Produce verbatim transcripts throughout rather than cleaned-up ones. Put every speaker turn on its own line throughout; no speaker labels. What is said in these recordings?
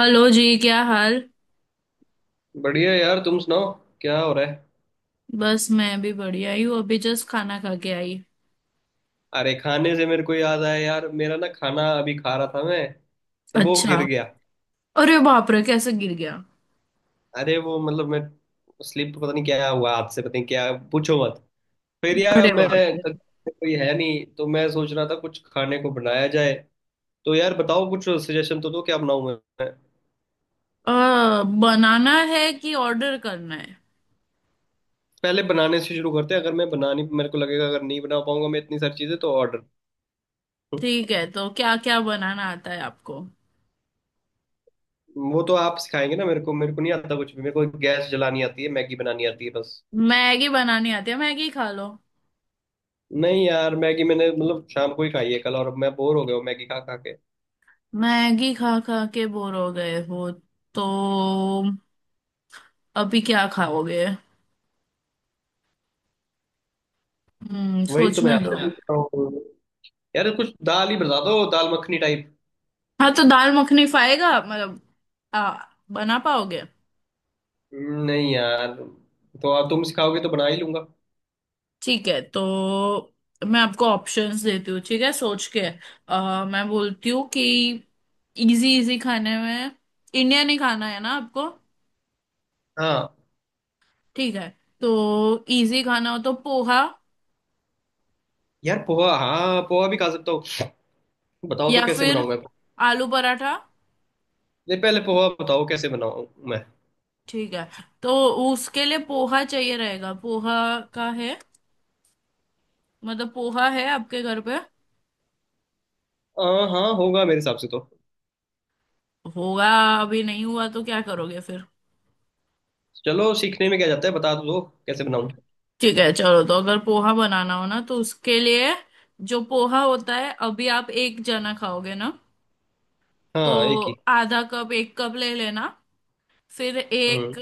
Hello जी, क्या हाल।
बढ़िया यार, तुम सुनाओ, क्या हो रहा है।
बस मैं भी बढ़िया ही हूँ, अभी जस्ट खाना खा के आई।
अरे खाने से मेरे को याद आया यार, मेरा ना खाना अभी खा रहा था मैं, तो वो गिर
अच्छा।
गया।
अरे बाप रे, कैसे गिर गया?
अरे वो मतलब मैं स्लिप, पता नहीं क्या हुआ, हाथ से, पता नहीं क्या, पूछो मत। फिर यार
अरे
अब मैं,
बाप रे।
कोई है नहीं तो मैं सोच रहा था कुछ खाने को बनाया जाए। तो यार बताओ, कुछ सजेशन तो दो, क्या बनाऊं मैं।
अ, बनाना है कि ऑर्डर करना है?
पहले बनाने से शुरू करते हैं, अगर मैं बनानी मेरे को लगेगा अगर नहीं बना पाऊंगा मैं इतनी सारी चीजें तो ऑर्डर।
ठीक है, तो क्या क्या बनाना आता है आपको?
वो तो आप सिखाएंगे ना मेरे को, मेरे को नहीं आता कुछ भी, मेरे को गैस जलानी आती है, मैगी बनानी आती है, बस।
मैगी बनानी आती है, मैगी खा लो।
नहीं यार, मैगी मैंने मतलब शाम को ही खाई है कल, और अब मैं बोर हो गया हूँ मैगी खा खा के।
मैगी खा खा के बोर हो गए हो? तो अभी क्या खाओगे? हम्म,
वही तो मैं
सोचने दो।
आपसे पूछ रहा हूँ। यार कुछ दाल ही बता दो, दाल मखनी टाइप।
हाँ, तो दाल मखनी खाएगा मतलब? आ, बना पाओगे?
नहीं यार, तो आप तुम सिखाओगे तो बना ही लूंगा।
ठीक है, तो मैं आपको ऑप्शंस देती हूँ, ठीक है, सोच के। अ, मैं बोलती हूँ कि इजी इजी खाने में इंडियन ही खाना है ना आपको?
हाँ।
ठीक है, तो इजी खाना हो तो पोहा।
यार पोहा, हाँ पोहा भी खा सकता हूँ। बताओ तो
या
कैसे
फिर
बनाऊँ मैं।
आलू पराठा।
नहीं पहले पोहा बताओ कैसे बनाऊँ मैं।
ठीक है, तो उसके लिए पोहा चाहिए। रहेगा पोहा, का है मतलब, पोहा है आपके घर पे?
हाँ हाँ, होगा मेरे हिसाब से तो।
होगा। अभी नहीं हुआ तो क्या करोगे फिर?
चलो, सीखने में क्या जाता है, बता तो दो कैसे बनाऊँ।
ठीक है, चलो, तो अगर पोहा बनाना हो ना तो उसके लिए जो पोहा होता है, अभी आप एक जना खाओगे ना? तो
हाँ एक ही।
आधा कप एक कप ले लेना। फिर
हम्म।
एक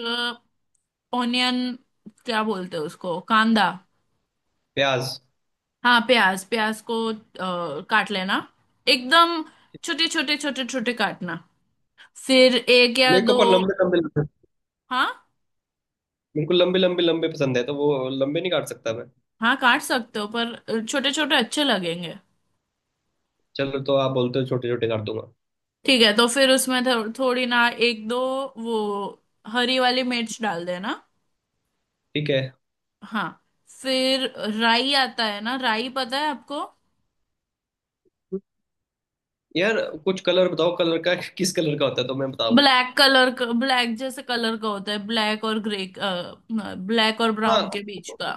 ऑनियन, क्या बोलते हैं उसको, कांदा?
प्याज।
हाँ, प्याज, प्याज को अ, काट लेना, एकदम छोटे छोटे छोटे छोटे काटना। फिर एक या
मेरे को
दो।
पर लंबे लंबे लंबे-
हाँ
मेरे को लंबे लंबे लंबे पसंद है, तो वो लंबे नहीं काट सकता मैं।
हाँ, काट सकते हो पर छोटे छोटे अच्छे लगेंगे।
चलो, तो आप बोलते हो छोटे छोटे कर दूंगा।
ठीक है, तो फिर उसमें थो, थोड़ी ना, एक दो वो हरी वाली मिर्च डाल देना।
ठीक है।
हाँ। फिर राई, आता है ना? राई पता है आपको?
यार कुछ कलर बताओ, कलर का किस कलर का होता है तो मैं बताऊंगा।
ब्लैक कलर का, ब्लैक जैसे कलर का होता है, ब्लैक और ग्रे, ब्लैक और ब्राउन
हाँ,
के बीच का।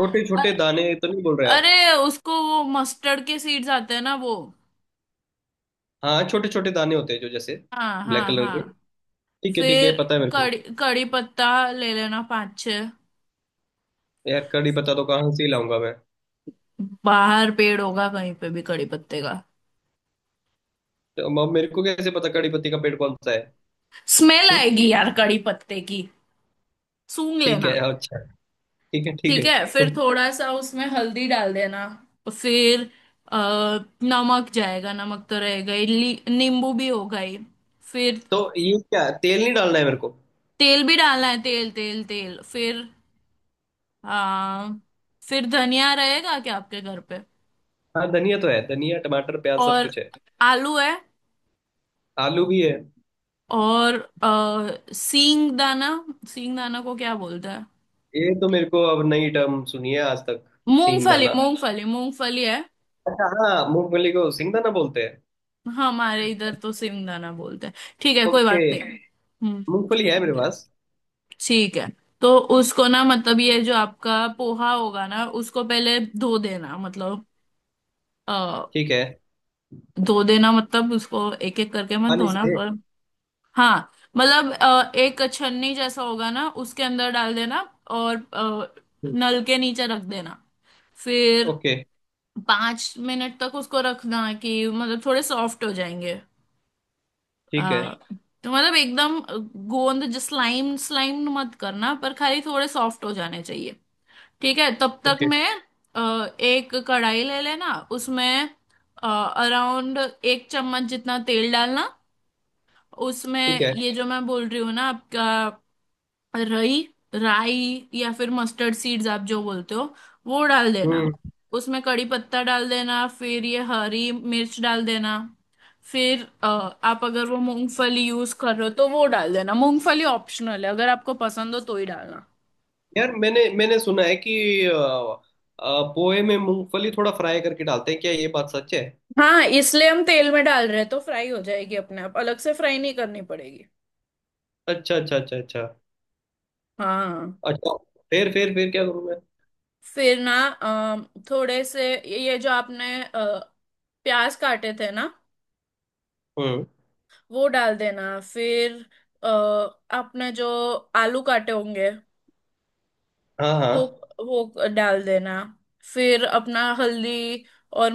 छोटे
अ-
छोटे दाने तो नहीं बोल रहे आप।
अरे, उसको वो मस्टर्ड के सीड्स आते हैं ना, वो।
हाँ छोटे छोटे दाने होते हैं जो जैसे
हाँ
ब्लैक
हाँ
कलर
हाँ।
के। ठीक है ठीक है,
फिर
पता है मेरे को।
कड़ी कड़ी पत्ता ले लेना, पाँच छः।
यार कड़ी पत्ता तो कहाँ से ही लाऊंगा मैं।
बाहर पेड़ होगा कहीं पे भी कड़ी पत्ते का।
तो म- मेरे को कैसे पता कड़ी पत्ती का पेड़ कौन सा है।
स्मेल
हम्म,
आएगी यार कड़ी पत्ते की, सूंघ
ठीक है
लेना।
अच्छा। ठीक है ठीक
ठीक है,
है
फिर थोड़ा सा उसमें हल्दी डाल देना। फिर अ, नमक जाएगा, नमक तो रहेगा ही, ली- नींबू भी होगा ही। फिर
तो ये क्या तेल नहीं डालना है मेरे को।
तेल भी डालना है, तेल तेल तेल। फिर आ, फिर धनिया रहेगा क्या आपके घर पे?
हाँ धनिया तो है, धनिया टमाटर प्याज सब
और
कुछ है।
आलू है?
आलू भी है।
और अ, सींग दाना, सींग दाना को क्या बोलते हैं?
ये तो मेरे को अब नई टर्म सुनी है आज तक। सींग
मूंगफली,
दाना।
मूंगफली, मूंगफली है।
अच्छा, हाँ मूंगफली को सिंगदाना बोलते हैं।
हमारे इधर तो सींग दाना बोलते हैं। ठीक है, कोई
ओके।
बात नहीं। हम्म।
मूंगफली है मेरे पास।
ठीक है, तो उसको ना, मतलब ये जो आपका पोहा होगा ना उसको पहले धो देना, मतलब अ,
ठीक है।
धो देना, मतलब उसको एक एक करके मत
पानी
धोना
से।
पर। हाँ, मतलब अ, एक छन्नी जैसा होगा ना, उसके अंदर डाल देना और अ, नल के नीचे रख देना। फिर
ओके।
पांच मिनट तक उसको रखना कि मतलब थोड़े सॉफ्ट हो जाएंगे। अ,
ठीक है।
तो मतलब एकदम गोंद जो, स्लाइम स्लाइम मत करना, पर खाली थोड़े सॉफ्ट हो जाने चाहिए। ठीक है, तब तक
ओके।
मैं अ, एक कढ़ाई ले लेना, उसमें अराउंड एक चम्मच जितना तेल डालना।
ठीक
उसमें
है।
ये जो मैं बोल रही हूँ ना आपका, रई राई या फिर मस्टर्ड सीड्स आप जो बोलते हो, वो डाल देना।
हम्म।
उसमें कड़ी पत्ता डाल देना। फिर ये हरी मिर्च डाल देना। फिर अ, आप अगर वो मूंगफली यूज कर रहे हो तो वो डाल देना। मूंगफली ऑप्शनल है, अगर आपको पसंद हो तो ही डालना।
यार मैंने मैंने सुना है कि अ, अ, पोहे में मूंगफली थोड़ा फ्राई करके डालते हैं, क्या ये बात सच है।
हाँ, इसलिए हम तेल में डाल रहे हैं तो फ्राई हो जाएगी अपने आप, अलग से फ्राई नहीं करनी पड़ेगी।
अच्छा अच्छा अच्छा अच्छा।
हाँ।
अच्छा। फिर फिर फिर क्या करूँ मैं।
फिर ना अम, थोड़े से ये जो आपने अ, प्याज काटे थे ना,
हम्म।
वो डाल देना। फिर अ, आपने जो आलू काटे होंगे
हाँ हाँ।
वो वो डाल देना। फिर अपना हल्दी और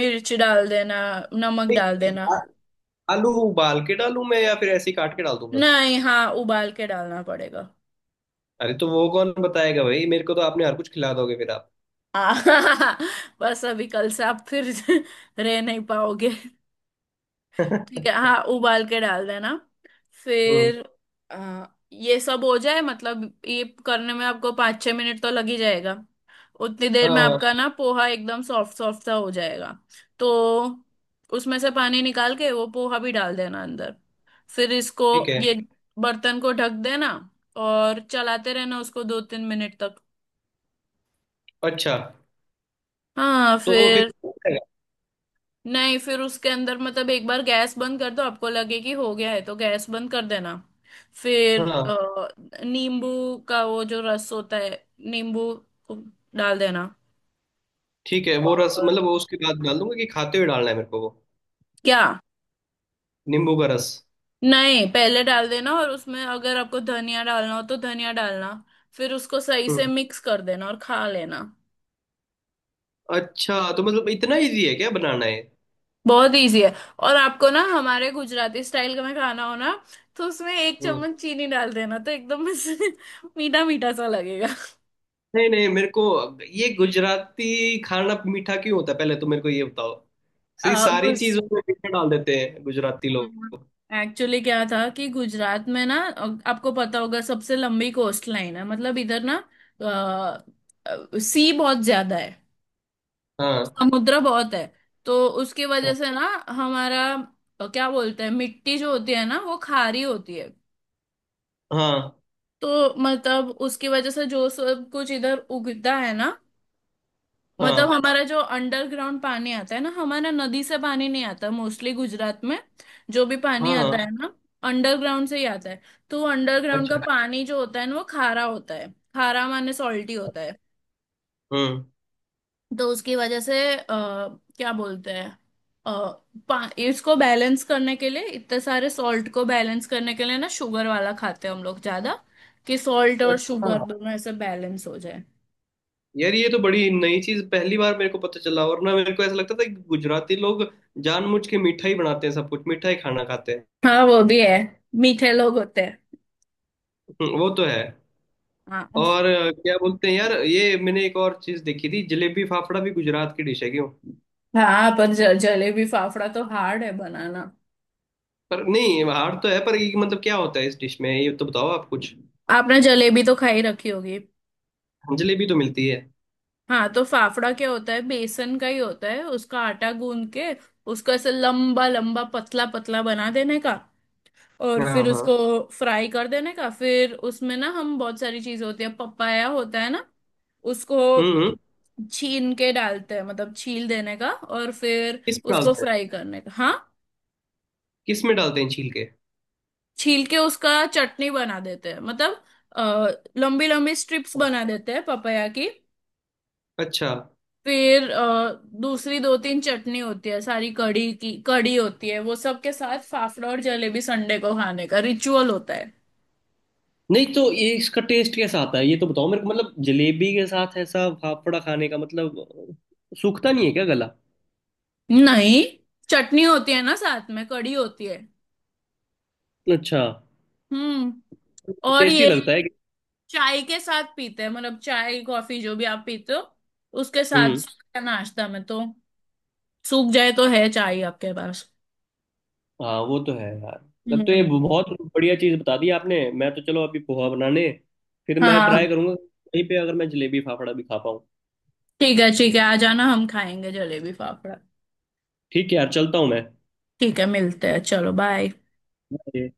मिर्च डाल देना, नमक डाल
नहीं,
देना।
आ- आलू उबाल के डालूं मैं या फिर ऐसे ही काट के डाल दूं बस।
नहीं, हाँ, उबाल के डालना पड़ेगा।
अरे तो वो कौन बताएगा भाई, मेरे को तो आपने हर कुछ खिला दोगे फिर आप
आ, बस अभी कल से आप फिर रह नहीं पाओगे। ठीक है, हाँ, उबाल के डाल देना।
हम्म।
फिर आ, ये सब हो जाए, मतलब ये करने में आपको पाँच छः मिनट तो लग ही जाएगा। उतनी देर में
हाँ।
आपका ना पोहा एकदम सॉफ्ट सॉफ्ट सा हो जाएगा। तो उसमें से पानी निकाल के वो पोहा भी डाल देना अंदर। फिर इसको,
ठीक है
ये बर्तन को ढक देना। और चलाते रहना उसको दो तीन मिनट तक।
अच्छा।
हाँ,
तो फिर
फिर
हो
नहीं, फिर उसके अंदर, मतलब एक बार गैस बंद कर दो, आपको लगे कि हो गया है तो गैस बंद कर देना। फिर
जाएगा। हाँ
अ, नींबू का वो जो रस होता है, नींबू को डाल देना।
ठीक है, वो रस
और
मतलब वो उसके बाद डाल दूंगा कि खाते हुए डालना है मेरे को वो।
क्या?
नींबू का रस।
नहीं, पहले डाल देना और उसमें अगर आपको धनिया डालना हो तो धनिया डालना। फिर उसको सही से
हम्म।
मिक्स कर देना और खा लेना।
अच्छा तो मतलब इतना इजी है क्या बनाना है।
बहुत इजी है। और आपको ना हमारे गुजराती स्टाइल का में खाना हो ना, तो उसमें एक
हम्म।
चम्मच चीनी डाल देना तो एकदम मीठा मीठा सा लगेगा।
नहीं नहीं, मेरे को, ये गुजराती खाना मीठा क्यों होता है पहले तो मेरे को ये बताओ। ये
आ,
सारी
गुस-
चीजों में मीठा डाल देते हैं गुजराती लोग।
एक्चुअली क्या था कि गुजरात में ना, अ, आपको पता होगा, सबसे लंबी कोस्ट लाइन है मतलब इधर ना। सी बहुत ज्यादा है,
हाँ।
समुद्र बहुत है। तो उसकी वजह
हाँ।
से ना हमारा अ, क्या बोलते हैं, मिट्टी जो होती है ना, वो खारी होती है।
हाँ।
तो मतलब उसकी वजह से जो सब कुछ इधर उगता है ना, मतलब
हाँ।
हमारा जो अंडरग्राउंड पानी आता है ना, हमारा नदी से पानी नहीं आता मोस्टली गुजरात में। जो भी पानी
हाँ।
आता
हाँ।
है ना, अंडरग्राउंड से ही आता है। तो अंडरग्राउंड का
अच्छा।
पानी जो होता है ना, वो खारा होता है। खारा माने सॉल्टी होता है।
हम्म।
तो उसकी वजह से आ, क्या बोलते हैं, अ, पा- इसको बैलेंस करने के लिए, इतने सारे सॉल्ट को बैलेंस करने के लिए ना, शुगर वाला खाते हैं हम लोग ज्यादा। कि सॉल्ट और
अच्छा।
शुगर दोनों ऐसे बैलेंस हो जाए।
यार ये तो बड़ी नई चीज, पहली बार मेरे को पता चला, वरना मेरे को ऐसा लगता था कि गुजराती लोग जानबूझ के मीठा ही बनाते हैं, सब कुछ मीठा ही खाना खाते हैं।
हाँ वो भी है, मीठे लोग होते हैं।
हम्म, वो तो है।
हाँ
और अ, क्या बोलते हैं यार, ये मैंने एक और चीज देखी थी, जलेबी फाफड़ा भी गुजरात की डिश है क्यों।
हाँ, पर ज- जलेबी फाफड़ा तो हार्ड है बनाना।
पर नहीं हार्ड तो है, पर ये मतलब क्या होता है इस डिश में, ये तो बताओ आप कुछ।
आपने जलेबी तो खाई रखी होगी।
जलेबी तो मिलती है।
हाँ, तो फाफड़ा क्या होता है, बेसन का ही होता है, उसका आटा गूंद के उसको ऐसे लंबा लंबा पतला पतला बना देने का। और
हाँ
फिर
हाँ।
उसको फ्राई कर देने का। फिर उसमें ना, हम, बहुत सारी चीजें होती है, पपाया होता है ना। उसको
हम्म हम्म।
छीन के डालते हैं, मतलब छील देने का और फिर
किस में
उसको
डालते हैं।
फ्राई करने का, हाँ।
किस में डालते हैं छील के।
छील के उसका चटनी बना देते हैं मतलब, अ, लंबी लंबी स्ट्रिप्स बना देते हैं पपाया की।
अच्छा।
फिर अ, दूसरी दो तीन चटनी होती है, सारी कड़ी की कड़ी होती है, वो सब के साथ फाफड़ा और जलेबी संडे को खाने का रिचुअल होता है।
नहीं तो ये इसका टेस्ट कैसा आता है ये तो बताओ मेरे को, मतलब जलेबी के साथ ऐसा फाफड़ा खाने का मतलब सूखता नहीं है क्या गला।
नहीं, चटनी होती है ना, साथ में कड़ी होती है।
अच्छा।
हम्म। और
टेस्टी
ये
लगता है कि-।
चाय के साथ पीते हैं, मतलब चाय कॉफी जो भी आप पीते हो, उसके साथ
हम्म।
सूखा नाश्ता में तो। सूख जाए तो है चाय आपके पास।
हाँ वो तो है यार। तब तो ये
हम्म,
बहुत बढ़िया चीज बता दी आपने। मैं तो चलो अभी पोहा बनाने। फिर मैं ट्राई
हाँ।
करूंगा कहीं पे अगर मैं जलेबी फाफड़ा भी खा पाऊँ।
ठीक है ठीक है, आ जाना, हम खाएंगे जलेबी फाफड़ा।
ठीक है यार, चलता हूँ
ठीक है, मिलते हैं, चलो बाय।
मैं।